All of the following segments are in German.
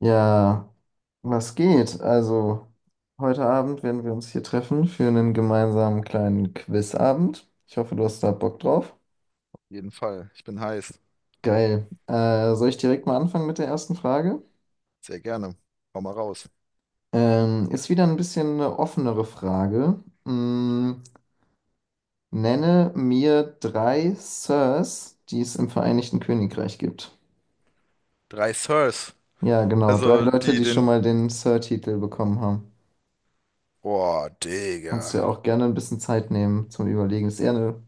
Ja, was geht? Also, heute Abend werden wir uns hier treffen für einen gemeinsamen kleinen Quizabend. Ich hoffe, du hast da Bock drauf. Jeden Fall. Ich bin heiß. Geil. Soll ich direkt mal anfangen mit der ersten Frage? Sehr gerne. Hau mal raus. Ist wieder ein bisschen eine offenere Frage. Mm, nenne mir drei Sirs, die es im Vereinigten Königreich gibt. Drei Sirs. Ja, genau. Drei Also Leute, die die schon den. mal den Sir-Titel bekommen haben. Boah, Kannst dir Digga. auch gerne ein bisschen Zeit nehmen zum Überlegen. Ist eher eine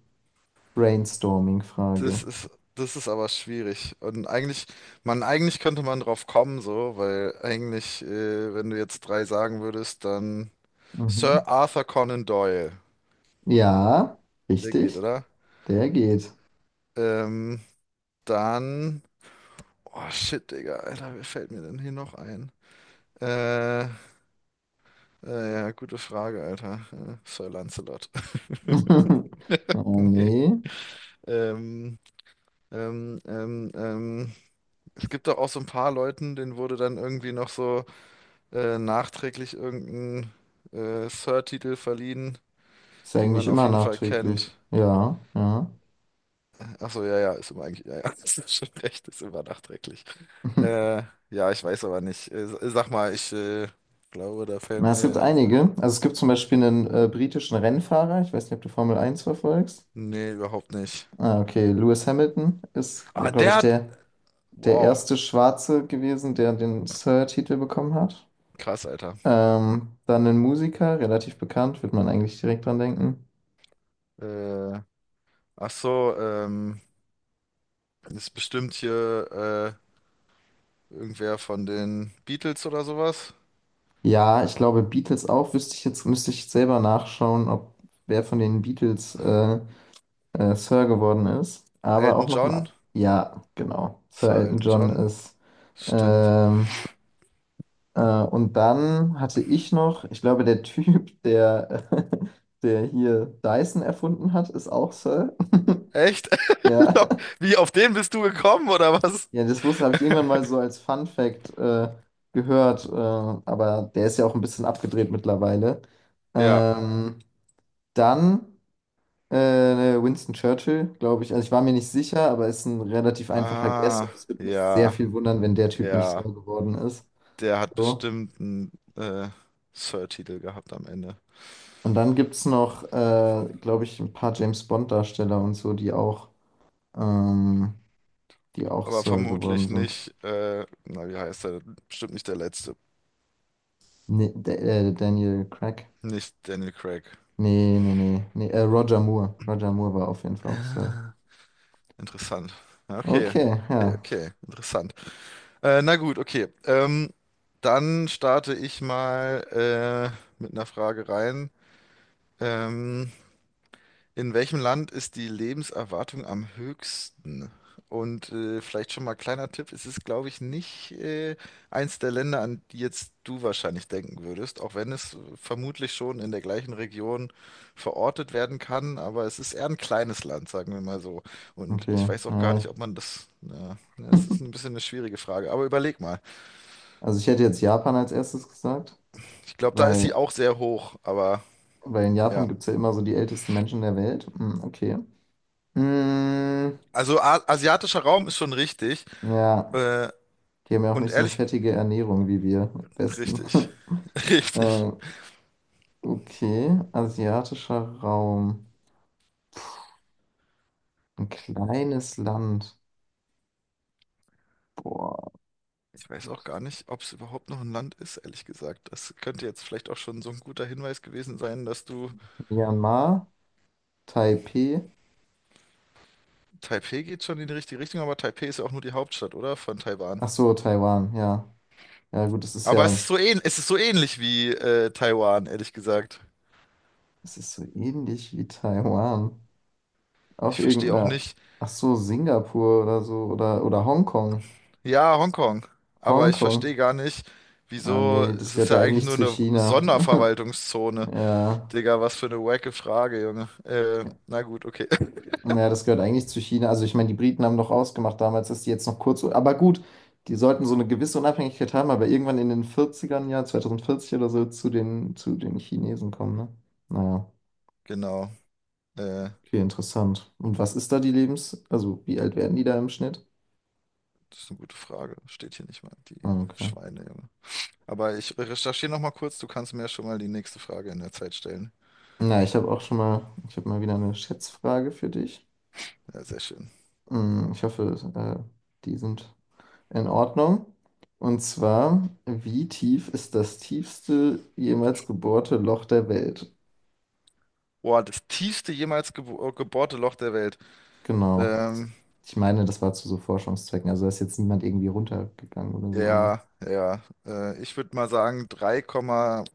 Brainstorming-Frage. Das ist, das ist aber schwierig. Eigentlich könnte man drauf kommen, so, weil eigentlich, wenn du jetzt drei sagen würdest, dann Mhm. Sir Arthur Conan Doyle. Ja, Der geht, richtig. oder? Der geht. Ähm, dann. Oh shit, Digga, Alter, wer fällt mir denn hier noch ein? Äh, äh, ja, gute Frage, Alter. Sir Lancelot. Oh Nee. nee. Ähm, ähm, ähm, ähm. Es gibt doch auch so ein paar Leuten, denen wurde dann irgendwie noch so nachträglich irgendein Sir-Titel verliehen, Ist ja die eigentlich man auf immer jeden Fall nachträglich. kennt. Ja, ja. Achso, ja, ja, ist immer eigentlich, ja, ja, das ist schon recht, ist immer nachträglich. Äh, ja, ich weiß aber nicht. Sag mal, ich glaube, da fällt Na, es gibt mir. einige. Also es gibt zum Beispiel einen britischen Rennfahrer. Ich weiß nicht, ob du Formel Eins verfolgst. Nee, überhaupt nicht. Ah, okay. Lewis Hamilton ist, Ah, glaube der ich, hat. der, der Wow, erste Schwarze gewesen, der den Sir-Titel bekommen hat. krass, Alter. Dann ein Musiker, relativ bekannt, wird man eigentlich direkt dran denken. Äh, ach so, ist bestimmt hier. Irgendwer von den Beatles oder sowas? Ja, ich glaube Beatles auch. Wüsste ich jetzt, müsste ich selber nachschauen, ob wer von den Beatles Sir geworden ist. Aber auch Elton noch ein. John? Ja, genau. Sir Sir Elton Elton John John? ist. Stimmt. Ähm, und dann hatte ich noch, ich glaube, der Typ, der, der hier Dyson erfunden hat, ist auch Sir. Echt? Ja. Wie, auf den bist du gekommen oder was? Ja, das wusste, habe ich irgendwann mal so als Fun Fact gehört. Aber der ist ja auch ein bisschen abgedreht mittlerweile. Ja. Ähm, dann. Winston Churchill, glaube ich. Also ich war mir nicht sicher, aber ist ein relativ einfacher Guess Ah, und es würde mich sehr ja, viel wundern, wenn der Typ nicht so ja. geworden ist. Der hat So. bestimmt einen Sir-Titel gehabt am Ende. Und dann gibt es noch, glaube ich, ein paar James Bond-Darsteller und so, ähm, die auch Aber Sir geworden vermutlich sind. nicht, na, wie heißt er? Bestimmt nicht der letzte. Nee, Daniel Craig. Nicht Daniel Craig. Nee, nee, nee, Roger Moore. Roger Moore war auf jeden Fall auch Sir. Ah, interessant. Okay, Okay, okay, ja. okay. Interessant. Na gut, okay. Dann starte ich mal mit einer Frage rein. Ähm, in welchem Land ist die Lebenserwartung am höchsten? Und vielleicht schon mal kleiner Tipp, es ist, glaube ich, nicht eins der Länder, an die jetzt du wahrscheinlich denken würdest, auch wenn es vermutlich schon in der gleichen Region verortet werden kann, aber es ist eher ein kleines Land, sagen wir mal so. Und Okay, ich weiß auch gar ja. nicht, ob man das, ja, ne, es ist ein bisschen eine schwierige Frage, aber überleg mal. Also ich hätte jetzt Japan als erstes gesagt, Ich glaube, da ist sie weil auch sehr hoch, aber Weil in ja. Japan gibt es ja immer so die ältesten Menschen der Welt. Hm, okay. Hm, Also A asiatischer Raum ist schon richtig. ja, Äh, die haben ja auch und nicht so eine ehrlich, fettige Ernährung wie wir, am besten. richtig. Richtig. äh, okay, asiatischer Raum. Ein kleines Land. Boah. Ich weiß auch gar nicht, ob es überhaupt noch ein Land ist, ehrlich gesagt. Das könnte jetzt vielleicht auch schon so ein guter Hinweis gewesen sein, dass du. Myanmar, Taipei. Taipei geht schon in die richtige Richtung, aber Taipei ist ja auch nur die Hauptstadt, oder? Von Taiwan. Ach so, Taiwan, ja. Ja, gut, es ist Aber ja, es ist so ähnlich wie Taiwan, ehrlich gesagt. es ist so ähnlich wie Taiwan. Auch Ich verstehe auch irgendeine, nicht. ach so, Singapur oder so, oder Hongkong. Ja, Hongkong. Aber ich Hongkong. verstehe gar nicht, Ah, wieso, nee, das es ist gehört ja ja eigentlich eigentlich nur zu eine China. Sonderverwaltungszone. Ja. Digga, was für eine wacke Frage, Junge. Na gut, okay. Naja, das gehört eigentlich zu China. Also ich meine, die Briten haben doch ausgemacht damals, dass die jetzt noch kurz. Aber gut, die sollten so eine gewisse Unabhängigkeit haben, aber irgendwann in den Vierzigern, ja, 2040 oder so, zu den Chinesen kommen, ne? Naja, Genau. Äh, okay, interessant. Und was ist da die Lebens... Also wie alt werden die da im Schnitt? das ist eine gute Frage. Steht hier nicht mal. Die Ah, okay. Schweine, Junge. Aber ich recherchiere noch mal kurz. Du kannst mir ja schon mal die nächste Frage in der Zeit stellen. Na, ich habe auch schon mal, ich habe mal wieder eine Schätzfrage für dich. Ja, sehr schön. Hm, ich hoffe, die sind in Ordnung. Und zwar, wie tief ist das tiefste jemals gebohrte Loch der Welt? Boah, das tiefste jemals gebohrte Loch der Welt. Genau. Ähm, Ich meine, das war zu so Forschungszwecken. Also da ist jetzt niemand irgendwie runtergegangen oder so, aber ja, ja. Ich würde mal sagen 3,5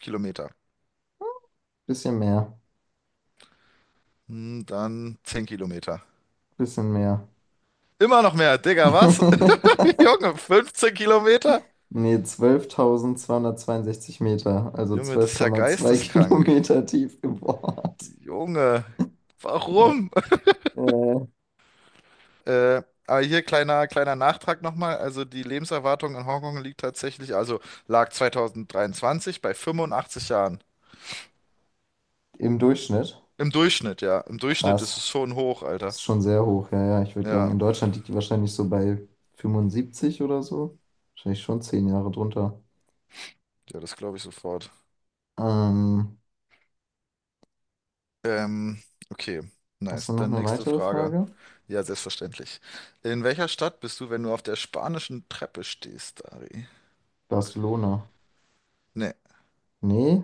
Kilometer. bisschen mehr. Hm, dann 10 Kilometer. Bisschen mehr. Immer noch mehr, Digga, was? Junge, 15 Kilometer? Nee, 12.262 Meter, also Junge, das ist ja 12,2 geisteskrank. Kilometer tief gebohrt. Junge, Ja. warum? Äh, aber hier kleiner, kleiner Nachtrag nochmal. Also die Lebenserwartung in Hongkong liegt tatsächlich, also lag 2023 bei 85 Jahren. Im Durchschnitt. Im Durchschnitt, ja. Im Durchschnitt Krass. ist es schon hoch, Alter. Ist schon sehr hoch, ja, ja. Ich würde sagen, Ja, in Deutschland liegt die wahrscheinlich so bei 75 oder so. Wahrscheinlich schon 10 Jahre drunter. ja, das glaube ich sofort. Ähm, Ähm, okay, Hast du nice. noch Dann eine nächste weitere Frage. Frage? Ja, selbstverständlich. In welcher Stadt bist du, wenn du auf der spanischen Treppe stehst, Dari? Barcelona. Nee, Nee?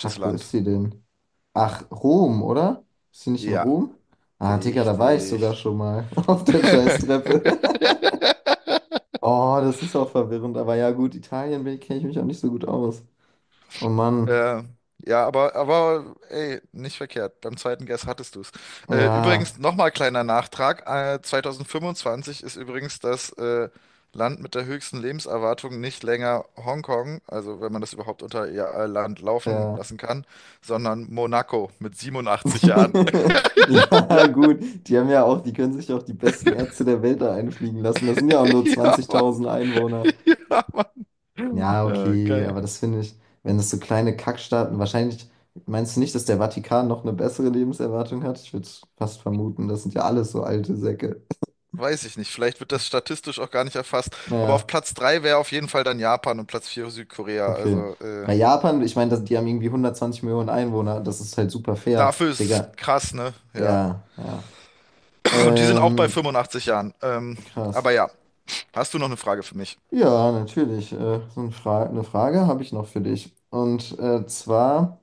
Fuck, wo Land. ist sie denn? Ach, Rom, oder? Ist sie nicht in Ja, Rom? Ah, Digga, da war ich sogar richtig. schon mal auf der Scheißtreppe. Oh, das ist auch verwirrend. Aber ja, gut, Italien kenne ich mich auch nicht so gut aus. Oh Mann. Äh, ja, aber ey, nicht verkehrt. Beim zweiten Guess hattest du es. Übrigens, Ja, nochmal kleiner Nachtrag. 2025 ist übrigens das Land mit der höchsten Lebenserwartung nicht länger Hongkong, also wenn man das überhaupt unter ihr Land laufen ja. lassen kann, sondern Monaco mit 87 Jahren. Ja, gut. Die haben ja auch, die können sich auch die besten Ärzte der Welt da einfliegen lassen. Das sind ja auch nur Ja, Mann. 20.000 Einwohner. Ja, Mann. Ja, okay, Geil. aber das finde ich, wenn das so kleine Kackstaaten, wahrscheinlich, meinst du nicht, dass der Vatikan noch eine bessere Lebenserwartung hat? Ich würde fast vermuten, das sind ja alles so alte Säcke. Weiß ich nicht. Vielleicht wird das statistisch auch gar nicht erfasst. Aber auf Ja, Platz 3 wäre auf jeden Fall dann Japan und Platz 4 Südkorea. okay. Bei Japan, ich meine, das- die haben irgendwie 120 Millionen Einwohner. Das ist halt super fair, Dafür ist es Digga. krass, ne? Ja. Ja, ja. Und die sind auch bei Ähm, 85 Jahren. Krass. Aber ja, hast du noch eine Frage für mich? Ja, natürlich. Eine Frage habe ich noch für dich. Und zwar,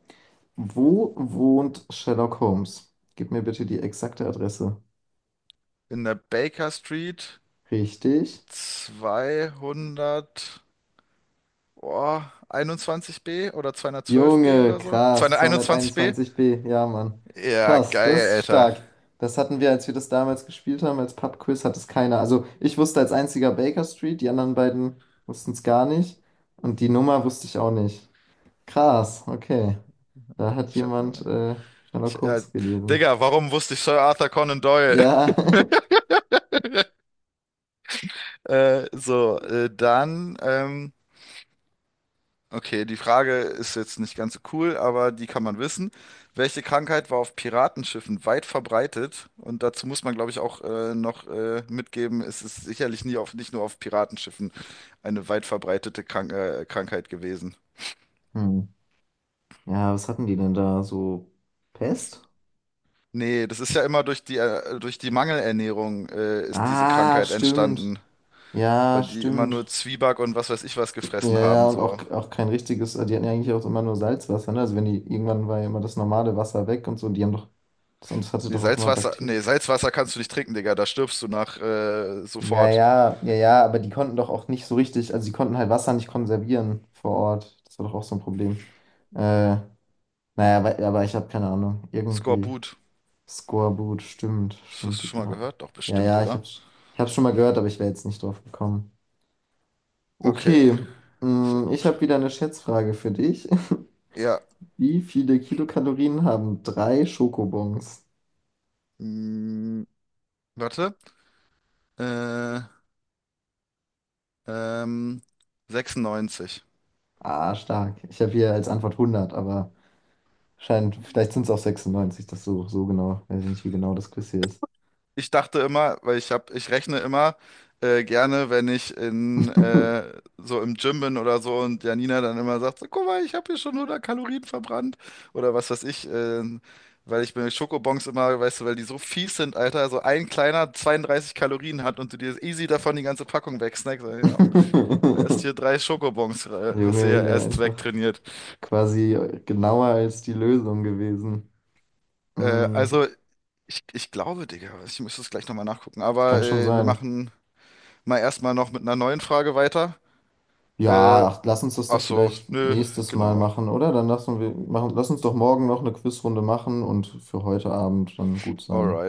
wo wohnt Sherlock Holmes? Gib mir bitte die exakte Adresse. In der Baker Street Richtig? 200, oh, 21b oder 212b Junge, oder so? krass, 221b? 221b. Ja, Mann. Ja, Krass, das geil, ist Alter. stark. Das hatten wir, als wir das damals gespielt haben, als Pub-Quiz, hat es keiner. Also ich wusste als einziger Baker Street, die anderen beiden wussten es gar nicht. Und die Nummer wusste ich auch nicht. Krass, okay. Da hat Ich hab, jemand Sherlock ja, Holmes gelesen. Digga, warum wusste ich Sir Arthur Conan Doyle? Ja. Äh, so, äh, dann, ähm, Okay, die Frage ist jetzt nicht ganz so cool, aber die kann man wissen. Welche Krankheit war auf Piratenschiffen weit verbreitet? Und dazu muss man, glaube ich, auch noch mitgeben, es ist sicherlich nie auf, nicht nur auf Piratenschiffen eine weit verbreitete Krankheit gewesen. Hm. Ja, was hatten die denn da? So Pest? Nee, das ist ja immer durch die Mangelernährung ist diese Ah, Krankheit stimmt. entstanden, Ja, weil die immer nur stimmt. Zwieback und was weiß ich was Ja, gefressen haben, ja, und auch, so. auch kein richtiges, die hatten ja eigentlich auch immer nur Salzwasser, ne? Also wenn die, irgendwann war ja immer das normale Wasser weg und so, die haben doch, das, und das hatte doch auch immer Bakterien. Nee, Salzwasser kannst du nicht trinken, Digga, da stirbst du nach Ja, sofort. ja, ja, ja, aber die konnten doch auch nicht so richtig, also die konnten halt Wasser nicht konservieren vor Ort. Das war doch auch so ein Problem. Äh, naja, aber ich habe keine Ahnung. Irgendwie. Skorbut. Skorbut, stimmt, Das hast stimmt, du die schon mal Piraten. gehört? Doch, Ja, bestimmt, ja, oder? Ich hab's schon mal gehört, aber ich wäre jetzt nicht drauf gekommen. Okay, Okay, sehr mm, ich gut. habe wieder eine Schätzfrage für dich. Ja, Wie viele Kilokalorien haben drei Schokobons? mm, warte. Äh, ähm, 96. Ah, stark. Ich habe hier als Antwort 100, aber scheint, vielleicht sind es auch 96 das so, so genau. Weiß ich nicht, wie genau das Quiz hier ist. Ich dachte immer, ich rechne immer gerne, wenn ich in so im Gym bin oder so und Janina dann immer sagt, so, guck mal, ich habe hier schon 100 Kalorien verbrannt oder was weiß ich, weil ich bei Schokobons immer, weißt du, weil die so fies sind, Alter, so ein kleiner 32 Kalorien hat und du dir easy davon die ganze Packung wegsnackst. Ja, aber erst hier drei Schokobons, hast du Junge, ja hier erst einfach wegtrainiert. quasi genauer als die Lösung gewesen. Äh, Mm. also, ich glaube, Digga, ich müsste es gleich nochmal nachgucken. Das kann Aber schon äh, wir sein. machen mal erstmal noch mit einer neuen Frage weiter. Äh, Ja, ach, lass uns das doch ach so, vielleicht nö, nächstes Mal genau. machen, oder? Dann lassen wir, machen, lass uns doch morgen noch eine Quizrunde machen und für heute Abend dann gut Alright. sein.